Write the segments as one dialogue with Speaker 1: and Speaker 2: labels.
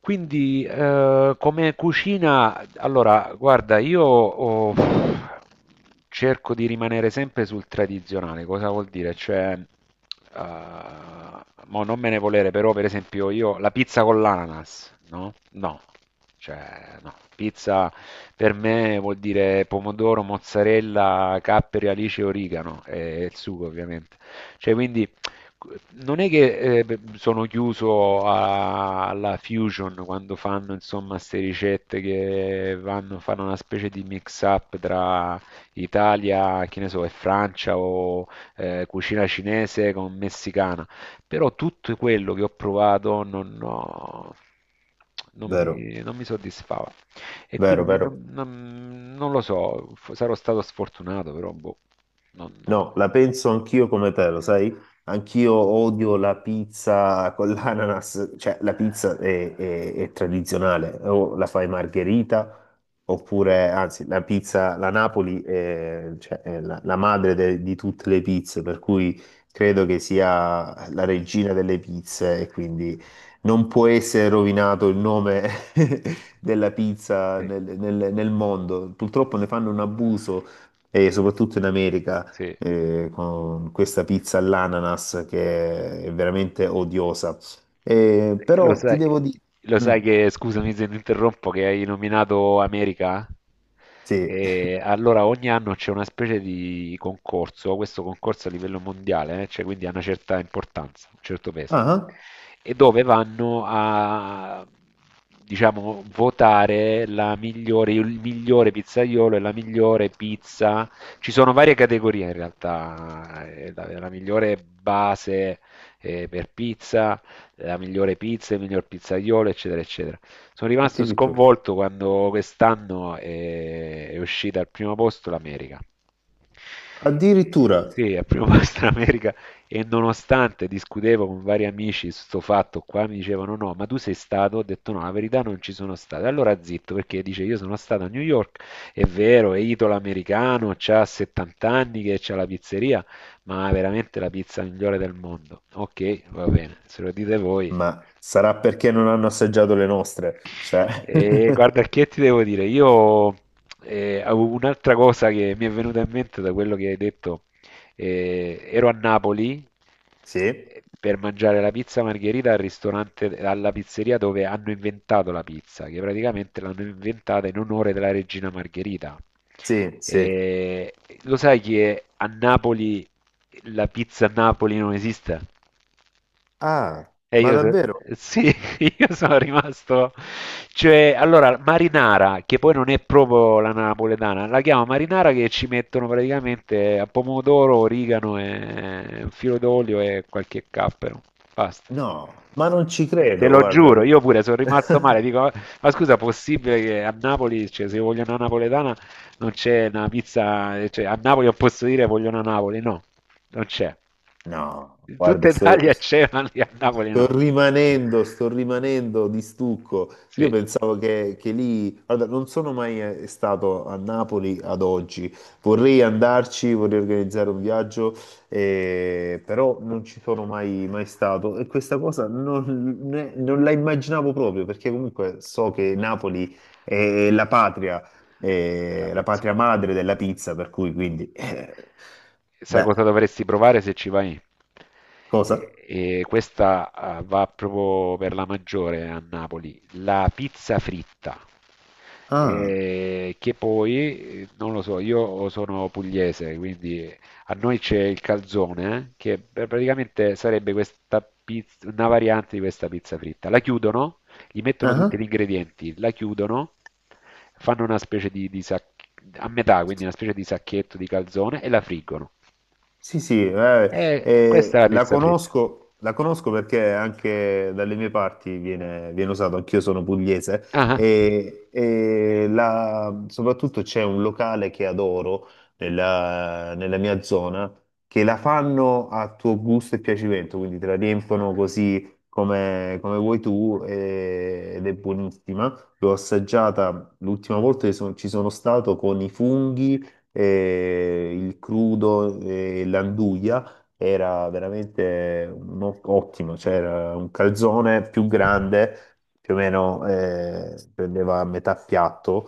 Speaker 1: Quindi, come cucina, allora, guarda, io cerco di rimanere sempre sul tradizionale. Cosa vuol dire? Cioè, mo non me ne volere, però, per esempio, io la pizza con l'ananas, no? No, cioè, no. Pizza per me vuol dire pomodoro, mozzarella, capperi, alice, origano e il sugo, ovviamente. Cioè, quindi. Non è che sono chiuso alla fusion quando fanno insomma queste ricette che vanno, fanno una specie di mix up tra Italia, che ne so, e Francia o cucina cinese con messicana, però tutto quello che ho provato non
Speaker 2: Vero,
Speaker 1: mi, non mi soddisfava e qui
Speaker 2: vero,
Speaker 1: non, mi- non-
Speaker 2: vero.
Speaker 1: non- non lo so, sarò stato sfortunato, però boh, non, no.
Speaker 2: No, la penso anch'io come te, lo sai? Anch'io odio la pizza con l'ananas, cioè la pizza è tradizionale, o la fai margherita, oppure anzi la pizza, la Napoli è, cioè, è la madre di tutte le pizze, per cui credo che sia la regina delle pizze e quindi non può essere rovinato il nome della pizza
Speaker 1: Sì,
Speaker 2: nel mondo. Purtroppo ne fanno un abuso e soprattutto in America
Speaker 1: sì.
Speaker 2: con questa pizza all'ananas che è veramente odiosa.
Speaker 1: Eh, Lo
Speaker 2: Però ti
Speaker 1: sai,
Speaker 2: devo dire...
Speaker 1: lo sai,
Speaker 2: Mm,
Speaker 1: che, scusami se ti interrompo, che hai nominato America?
Speaker 2: sì.
Speaker 1: E allora ogni anno c'è una specie di concorso, questo concorso a livello mondiale, cioè quindi ha una certa importanza, un certo peso,
Speaker 2: Ah,
Speaker 1: e dove vanno a, diciamo, votare la migliore, il migliore pizzaiolo e la migliore pizza. Ci sono varie categorie in realtà, la migliore base per pizza la migliore pizza, il miglior pizzaiolo, eccetera, eccetera. Sono rimasto
Speaker 2: addirittura.
Speaker 1: sconvolto quando quest'anno è uscita al primo posto l'America. Eh,
Speaker 2: Addirittura.
Speaker 1: Sì, al primo posto l'America e nonostante discutevo con vari amici su sto fatto qua, mi dicevano no, ma tu sei stato? Ho detto no, la verità non ci sono stato. Allora zitto, perché dice io sono stato a New York, è vero, è italo-americano, c'ha 70 anni che c'ha la pizzeria, ma veramente la pizza migliore del mondo. Ok, va bene, se lo dite voi.
Speaker 2: Ma sarà perché non hanno assaggiato le nostre. Cioè...
Speaker 1: E guarda, che ti devo dire? Io avevo un'altra cosa che mi è venuta in mente da quello che hai detto. Ero a Napoli
Speaker 2: Sì,
Speaker 1: per mangiare la pizza margherita al ristorante, alla pizzeria dove hanno inventato la pizza, che praticamente l'hanno inventata in onore della regina Margherita.
Speaker 2: sì, sì.
Speaker 1: Eh, Lo sai che a Napoli la pizza a Napoli non esiste?
Speaker 2: Ah,
Speaker 1: E
Speaker 2: ma
Speaker 1: io, so-
Speaker 2: davvero?
Speaker 1: sì, io sono rimasto, cioè, allora, marinara, che poi non è proprio la napoletana, la chiamo marinara che ci mettono praticamente a pomodoro, origano, e un filo d'olio e qualche cappero, basta.
Speaker 2: No, ma non ci
Speaker 1: Te
Speaker 2: credo,
Speaker 1: lo
Speaker 2: guarda.
Speaker 1: giuro, io pure sono rimasto male. Dico, ma scusa, possibile che a Napoli, cioè, se io voglio una napoletana, non c'è una pizza, cioè, a Napoli non posso dire voglio una Napoli, no, non c'è.
Speaker 2: No,
Speaker 1: In tutta
Speaker 2: guarda,
Speaker 1: Italia c'è, ma lì a Napoli
Speaker 2: sto
Speaker 1: no.
Speaker 2: rimanendo, sto rimanendo di stucco. Io
Speaker 1: Sì,
Speaker 2: pensavo che lì, guarda, non sono mai stato a Napoli ad oggi. Vorrei andarci, vorrei organizzare un viaggio, però non ci sono mai, mai stato. E questa cosa non, non la immaginavo proprio, perché comunque so che Napoli è la patria,
Speaker 1: è la
Speaker 2: è la
Speaker 1: pizza.
Speaker 2: patria madre della pizza, per cui quindi,
Speaker 1: Sai
Speaker 2: beh,
Speaker 1: cosa dovresti provare se ci vai?
Speaker 2: cosa?
Speaker 1: E, e questa va proprio per la maggiore a Napoli, la pizza fritta.
Speaker 2: Ah,
Speaker 1: E che poi, non lo so, io sono pugliese, quindi a noi c'è il calzone, che praticamente sarebbe questa pizza, una variante di questa pizza fritta. La chiudono gli mettono tutti gli
Speaker 2: ah.
Speaker 1: ingredienti, la chiudono, fanno una specie di, a metà, quindi una specie di sacchetto di calzone e la friggono.
Speaker 2: Sì, sì,
Speaker 1: E questa è la pizza fritta.
Speaker 2: la conosco perché anche dalle mie parti viene, viene usato, anch'io sono pugliese,
Speaker 1: Ah,
Speaker 2: e soprattutto c'è un locale che adoro nella, nella mia zona, che la fanno a tuo gusto e piacimento, quindi te la riempiono così come, come vuoi tu ed è buonissima. L'ho assaggiata l'ultima volta che ci sono stato con i funghi e il crudo e l'anduglia era veramente un ottimo, cioè era un calzone più grande, più o meno prendeva metà piatto,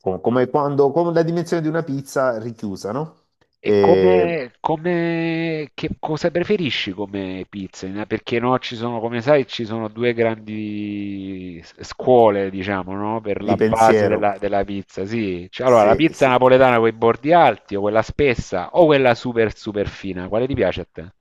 Speaker 2: come quando, con la dimensione di una pizza richiusa, no?
Speaker 1: e
Speaker 2: E
Speaker 1: che cosa preferisci come pizza? Perché no, ci sono, come sai, ci sono due grandi scuole, diciamo, no? Per
Speaker 2: di
Speaker 1: la base
Speaker 2: pensiero,
Speaker 1: della, pizza, sì. Cioè, allora, la
Speaker 2: se,
Speaker 1: pizza
Speaker 2: se-
Speaker 1: napoletana con i bordi alti, o quella spessa, o quella super super fina, quale ti piace a te?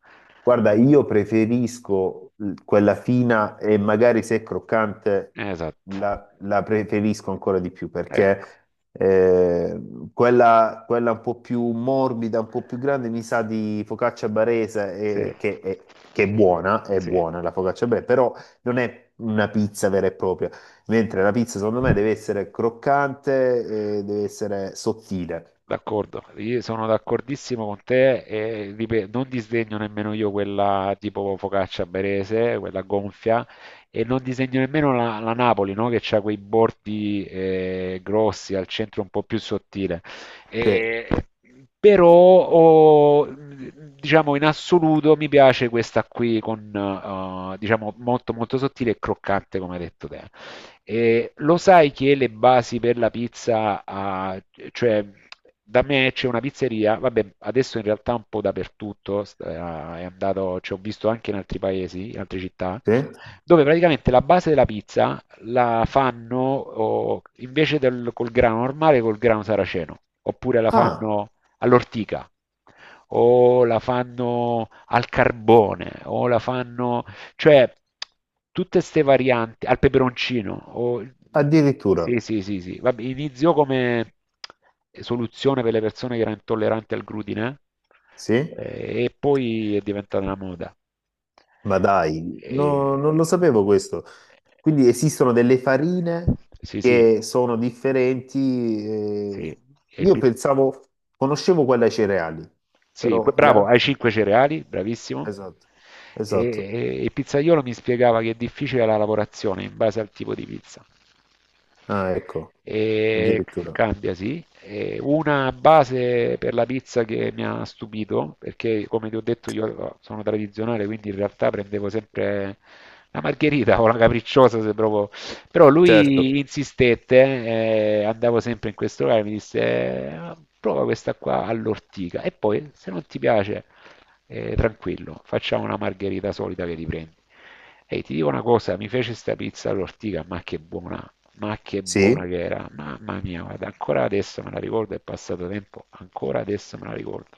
Speaker 2: guarda, io preferisco quella fina e magari se è croccante
Speaker 1: Esatto.
Speaker 2: la, la preferisco ancora di più perché
Speaker 1: Ecco,
Speaker 2: eh, quella, quella un po' più morbida, un po' più grande mi sa di focaccia barese
Speaker 1: sì,
Speaker 2: che è
Speaker 1: sì,
Speaker 2: buona la focaccia barese, però non è una pizza vera e propria, mentre la pizza secondo me deve essere croccante e deve essere sottile.
Speaker 1: d'accordo. Io sono d'accordissimo con te e non disdegno nemmeno io quella tipo focaccia berese, quella gonfia, e non disdegno nemmeno la Napoli, no? Che ha quei bordi grossi, al centro un po' più sottile.
Speaker 2: Sì,
Speaker 1: E- Però, diciamo, in assoluto mi piace questa qui con, diciamo, molto molto sottile e croccante, come hai detto te. E lo sai che le basi per la pizza, cioè da me c'è una pizzeria, vabbè, adesso in realtà un po' dappertutto, è andato, ci ho visto anche in altri paesi, in altre città,
Speaker 2: sì.
Speaker 1: dove praticamente la base della pizza la fanno invece col grano normale, col grano saraceno, oppure la
Speaker 2: Ah,
Speaker 1: fanno all'ortica, o la fanno al carbone, o la fanno cioè, tutte ste varianti al peperoncino.
Speaker 2: addirittura,
Speaker 1: Sì, sì, sì, sì. Vabbè, iniziò come soluzione per le persone che erano intolleranti al glutine
Speaker 2: sì.
Speaker 1: e poi è diventata una moda.
Speaker 2: Ma dai, non lo
Speaker 1: E-
Speaker 2: sapevo questo. Quindi esistono delle farine
Speaker 1: Sì, sì,
Speaker 2: che sono differenti.
Speaker 1: sì.
Speaker 2: eh,
Speaker 1: E il
Speaker 2: Io
Speaker 1: pi-
Speaker 2: pensavo, conoscevo quella ai cereali,
Speaker 1: sì,
Speaker 2: però le
Speaker 1: bravo, hai
Speaker 2: altre...
Speaker 1: 5 cereali, bravissimo.
Speaker 2: Esatto,
Speaker 1: E,
Speaker 2: esatto.
Speaker 1: il pizzaiolo mi spiegava che è difficile la lavorazione in base al tipo di pizza.
Speaker 2: Ah, ecco,
Speaker 1: E
Speaker 2: addirittura.
Speaker 1: cambia, sì. E una base per la pizza che mi ha stupito, perché come ti ho detto io sono tradizionale, quindi in realtà prendevo sempre la margherita o la capricciosa se proprio. Però
Speaker 2: Certo,
Speaker 1: lui insistette, andavo sempre in questo locale, mi disse Prova questa qua all'ortica e poi se non ti piace tranquillo, facciamo una margherita solida che riprendi. E ti dico una cosa, mi fece sta pizza all'ortica, ma che buona
Speaker 2: sì.
Speaker 1: che era, mamma mia, guarda, ancora adesso me la ricordo, è passato tempo, ancora adesso me la ricordo.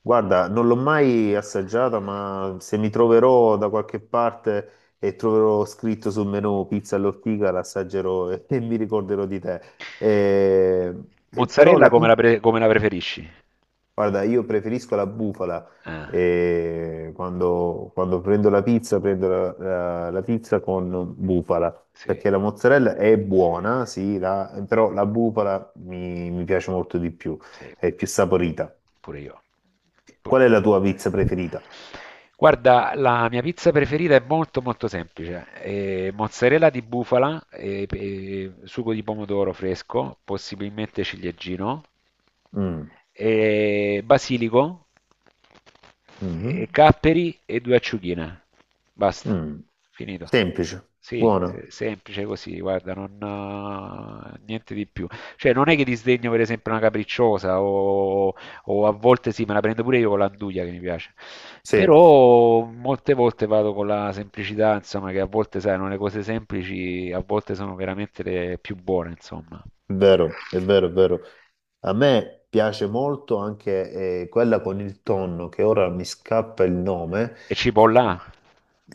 Speaker 2: Guarda, non l'ho mai assaggiata, ma se mi troverò da qualche parte e troverò scritto sul menù pizza all'ortica, l'assaggerò e, e mi ricorderò di te. Eh, e però
Speaker 1: Mozzarella come la preferisci?
Speaker 2: guarda, io preferisco la bufala.
Speaker 1: Ah,
Speaker 2: E quando, quando prendo la pizza, prendo la, la pizza con bufala,
Speaker 1: sì,
Speaker 2: perché la mozzarella è buona, sì, però la bufala mi, mi piace molto di più,
Speaker 1: sì,
Speaker 2: è più saporita.
Speaker 1: pure io. Pur-
Speaker 2: Qual è la tua pizza preferita?
Speaker 1: Guarda, la mia pizza preferita è molto molto semplice. Mozzarella di bufala, sugo di pomodoro fresco, possibilmente ciliegino,
Speaker 2: Mm,
Speaker 1: basilico
Speaker 2: mhm,
Speaker 1: e capperi e due acciughine. Basta,
Speaker 2: mm.
Speaker 1: finito.
Speaker 2: Semplice,
Speaker 1: Sì,
Speaker 2: buona,
Speaker 1: semplice così, guarda, non, niente di più. Cioè, non è che disdegno per esempio una capricciosa o, a volte sì, me la prendo pure io con l'anduglia che mi piace.
Speaker 2: sì.
Speaker 1: Però molte volte vado con la semplicità, insomma, che a volte, sai, no, le cose semplici a volte sono veramente le più buone, insomma.
Speaker 2: Vero, è vero, è vero. A me piace molto anche quella con il tonno, che ora mi scappa il nome.
Speaker 1: E cipolla,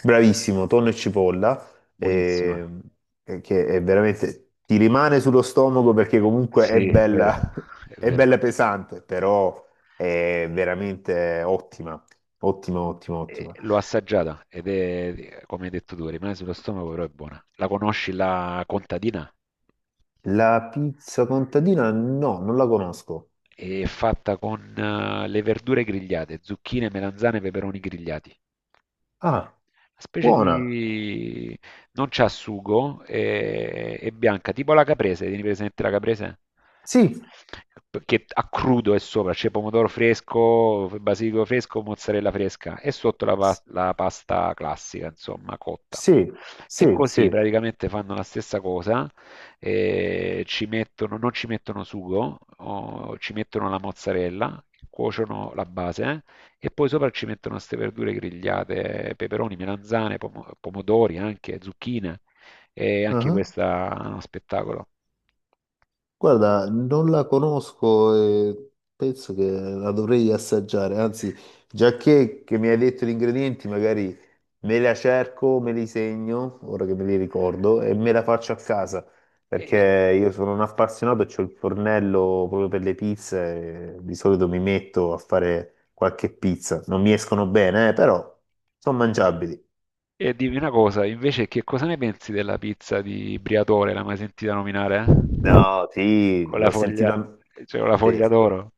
Speaker 2: Bravissimo, tonno e cipolla,
Speaker 1: buonissima.
Speaker 2: ehm, che è veramente ti rimane sullo stomaco perché comunque è
Speaker 1: Sì, è vero,
Speaker 2: bella,
Speaker 1: è
Speaker 2: è
Speaker 1: vero.
Speaker 2: bella pesante, però è veramente ottima, ottima, ottima, ottima.
Speaker 1: L'ho assaggiata ed è, come hai detto tu, rimane sullo stomaco, però è buona. La conosci la contadina?
Speaker 2: La pizza contadina no, non la conosco.
Speaker 1: È fatta con le verdure grigliate, zucchine, melanzane, peperoni grigliati.
Speaker 2: Ah,
Speaker 1: Una specie
Speaker 2: buona.
Speaker 1: di, non c'ha sugo, è bianca, tipo la caprese, tieni presente la caprese?
Speaker 2: Sì,
Speaker 1: Che a crudo è sopra, c'è pomodoro fresco, basilico fresco, mozzarella fresca e sotto la pasta classica, insomma, cotta.
Speaker 2: sì,
Speaker 1: E
Speaker 2: sì,
Speaker 1: così
Speaker 2: sì.
Speaker 1: praticamente fanno la stessa cosa, non ci mettono sugo, o ci mettono la mozzarella, cuociono la base e poi sopra ci mettono queste verdure grigliate, peperoni, melanzane, pomodori, anche zucchine, e anche
Speaker 2: Ah,
Speaker 1: questa è uno spettacolo.
Speaker 2: guarda, non la conosco e penso che la dovrei assaggiare. Anzi, già che mi hai detto gli ingredienti, magari me la cerco, me li segno, ora che me li ricordo, e me la faccio a casa. Perché
Speaker 1: E,
Speaker 2: io sono un appassionato e ho il fornello proprio per le pizze. E di solito mi metto a fare qualche pizza. Non mi escono bene, però sono mangiabili.
Speaker 1: e dimmi una cosa, invece, che cosa ne pensi della pizza di Briatore? L'hai mai sentita nominare? Eh?
Speaker 2: No, sì,
Speaker 1: Con la
Speaker 2: l'ho
Speaker 1: foglia,
Speaker 2: sentita.
Speaker 1: cioè con la
Speaker 2: Sì,
Speaker 1: foglia d'oro?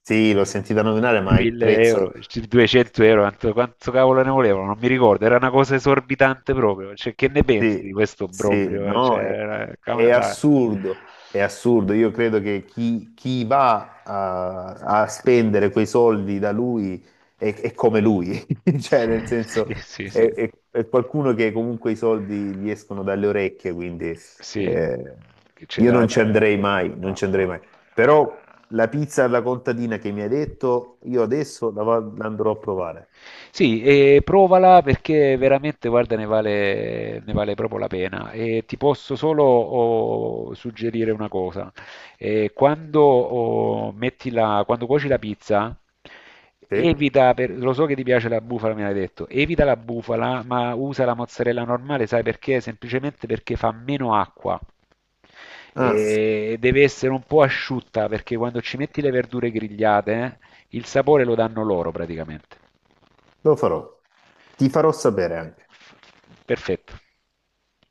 Speaker 2: sì, l'ho sentita nominare, ma il
Speaker 1: 1000 euro,
Speaker 2: prezzo.
Speaker 1: 200
Speaker 2: Sì.
Speaker 1: euro, quanto cavolo ne volevano, non mi ricordo, era una cosa esorbitante proprio, cioè che ne pensi di
Speaker 2: Sì,
Speaker 1: questo
Speaker 2: sì,
Speaker 1: obbrobrio? Cioè,
Speaker 2: no, è
Speaker 1: dai.
Speaker 2: assurdo, è assurdo. Io credo che chi, chi va a, a spendere quei soldi da lui è come lui, cioè nel
Speaker 1: Sì,
Speaker 2: senso
Speaker 1: sì, sì.
Speaker 2: è, è qualcuno che comunque i soldi gli escono dalle orecchie, quindi
Speaker 1: Sì,
Speaker 2: eh,
Speaker 1: che ce
Speaker 2: io
Speaker 1: l'ha
Speaker 2: non ci andrei mai, non
Speaker 1: no,
Speaker 2: ci andrei mai.
Speaker 1: no.
Speaker 2: Però la pizza alla contadina che mi hai detto, io adesso la, la andrò a provare.
Speaker 1: Sì, e provala perché veramente, guarda, ne vale proprio la pena. E ti posso solo suggerire una cosa. E quando cuoci la pizza,
Speaker 2: Sì?
Speaker 1: evita, lo so che ti piace la bufala, me l'hai detto, evita la bufala, ma usa la mozzarella normale, sai perché? Semplicemente perché fa meno acqua.
Speaker 2: Ah,
Speaker 1: E deve essere un po' asciutta perché quando ci metti le verdure grigliate, il sapore lo danno loro praticamente.
Speaker 2: lo farò. Ti farò sapere anche.
Speaker 1: Perfetto.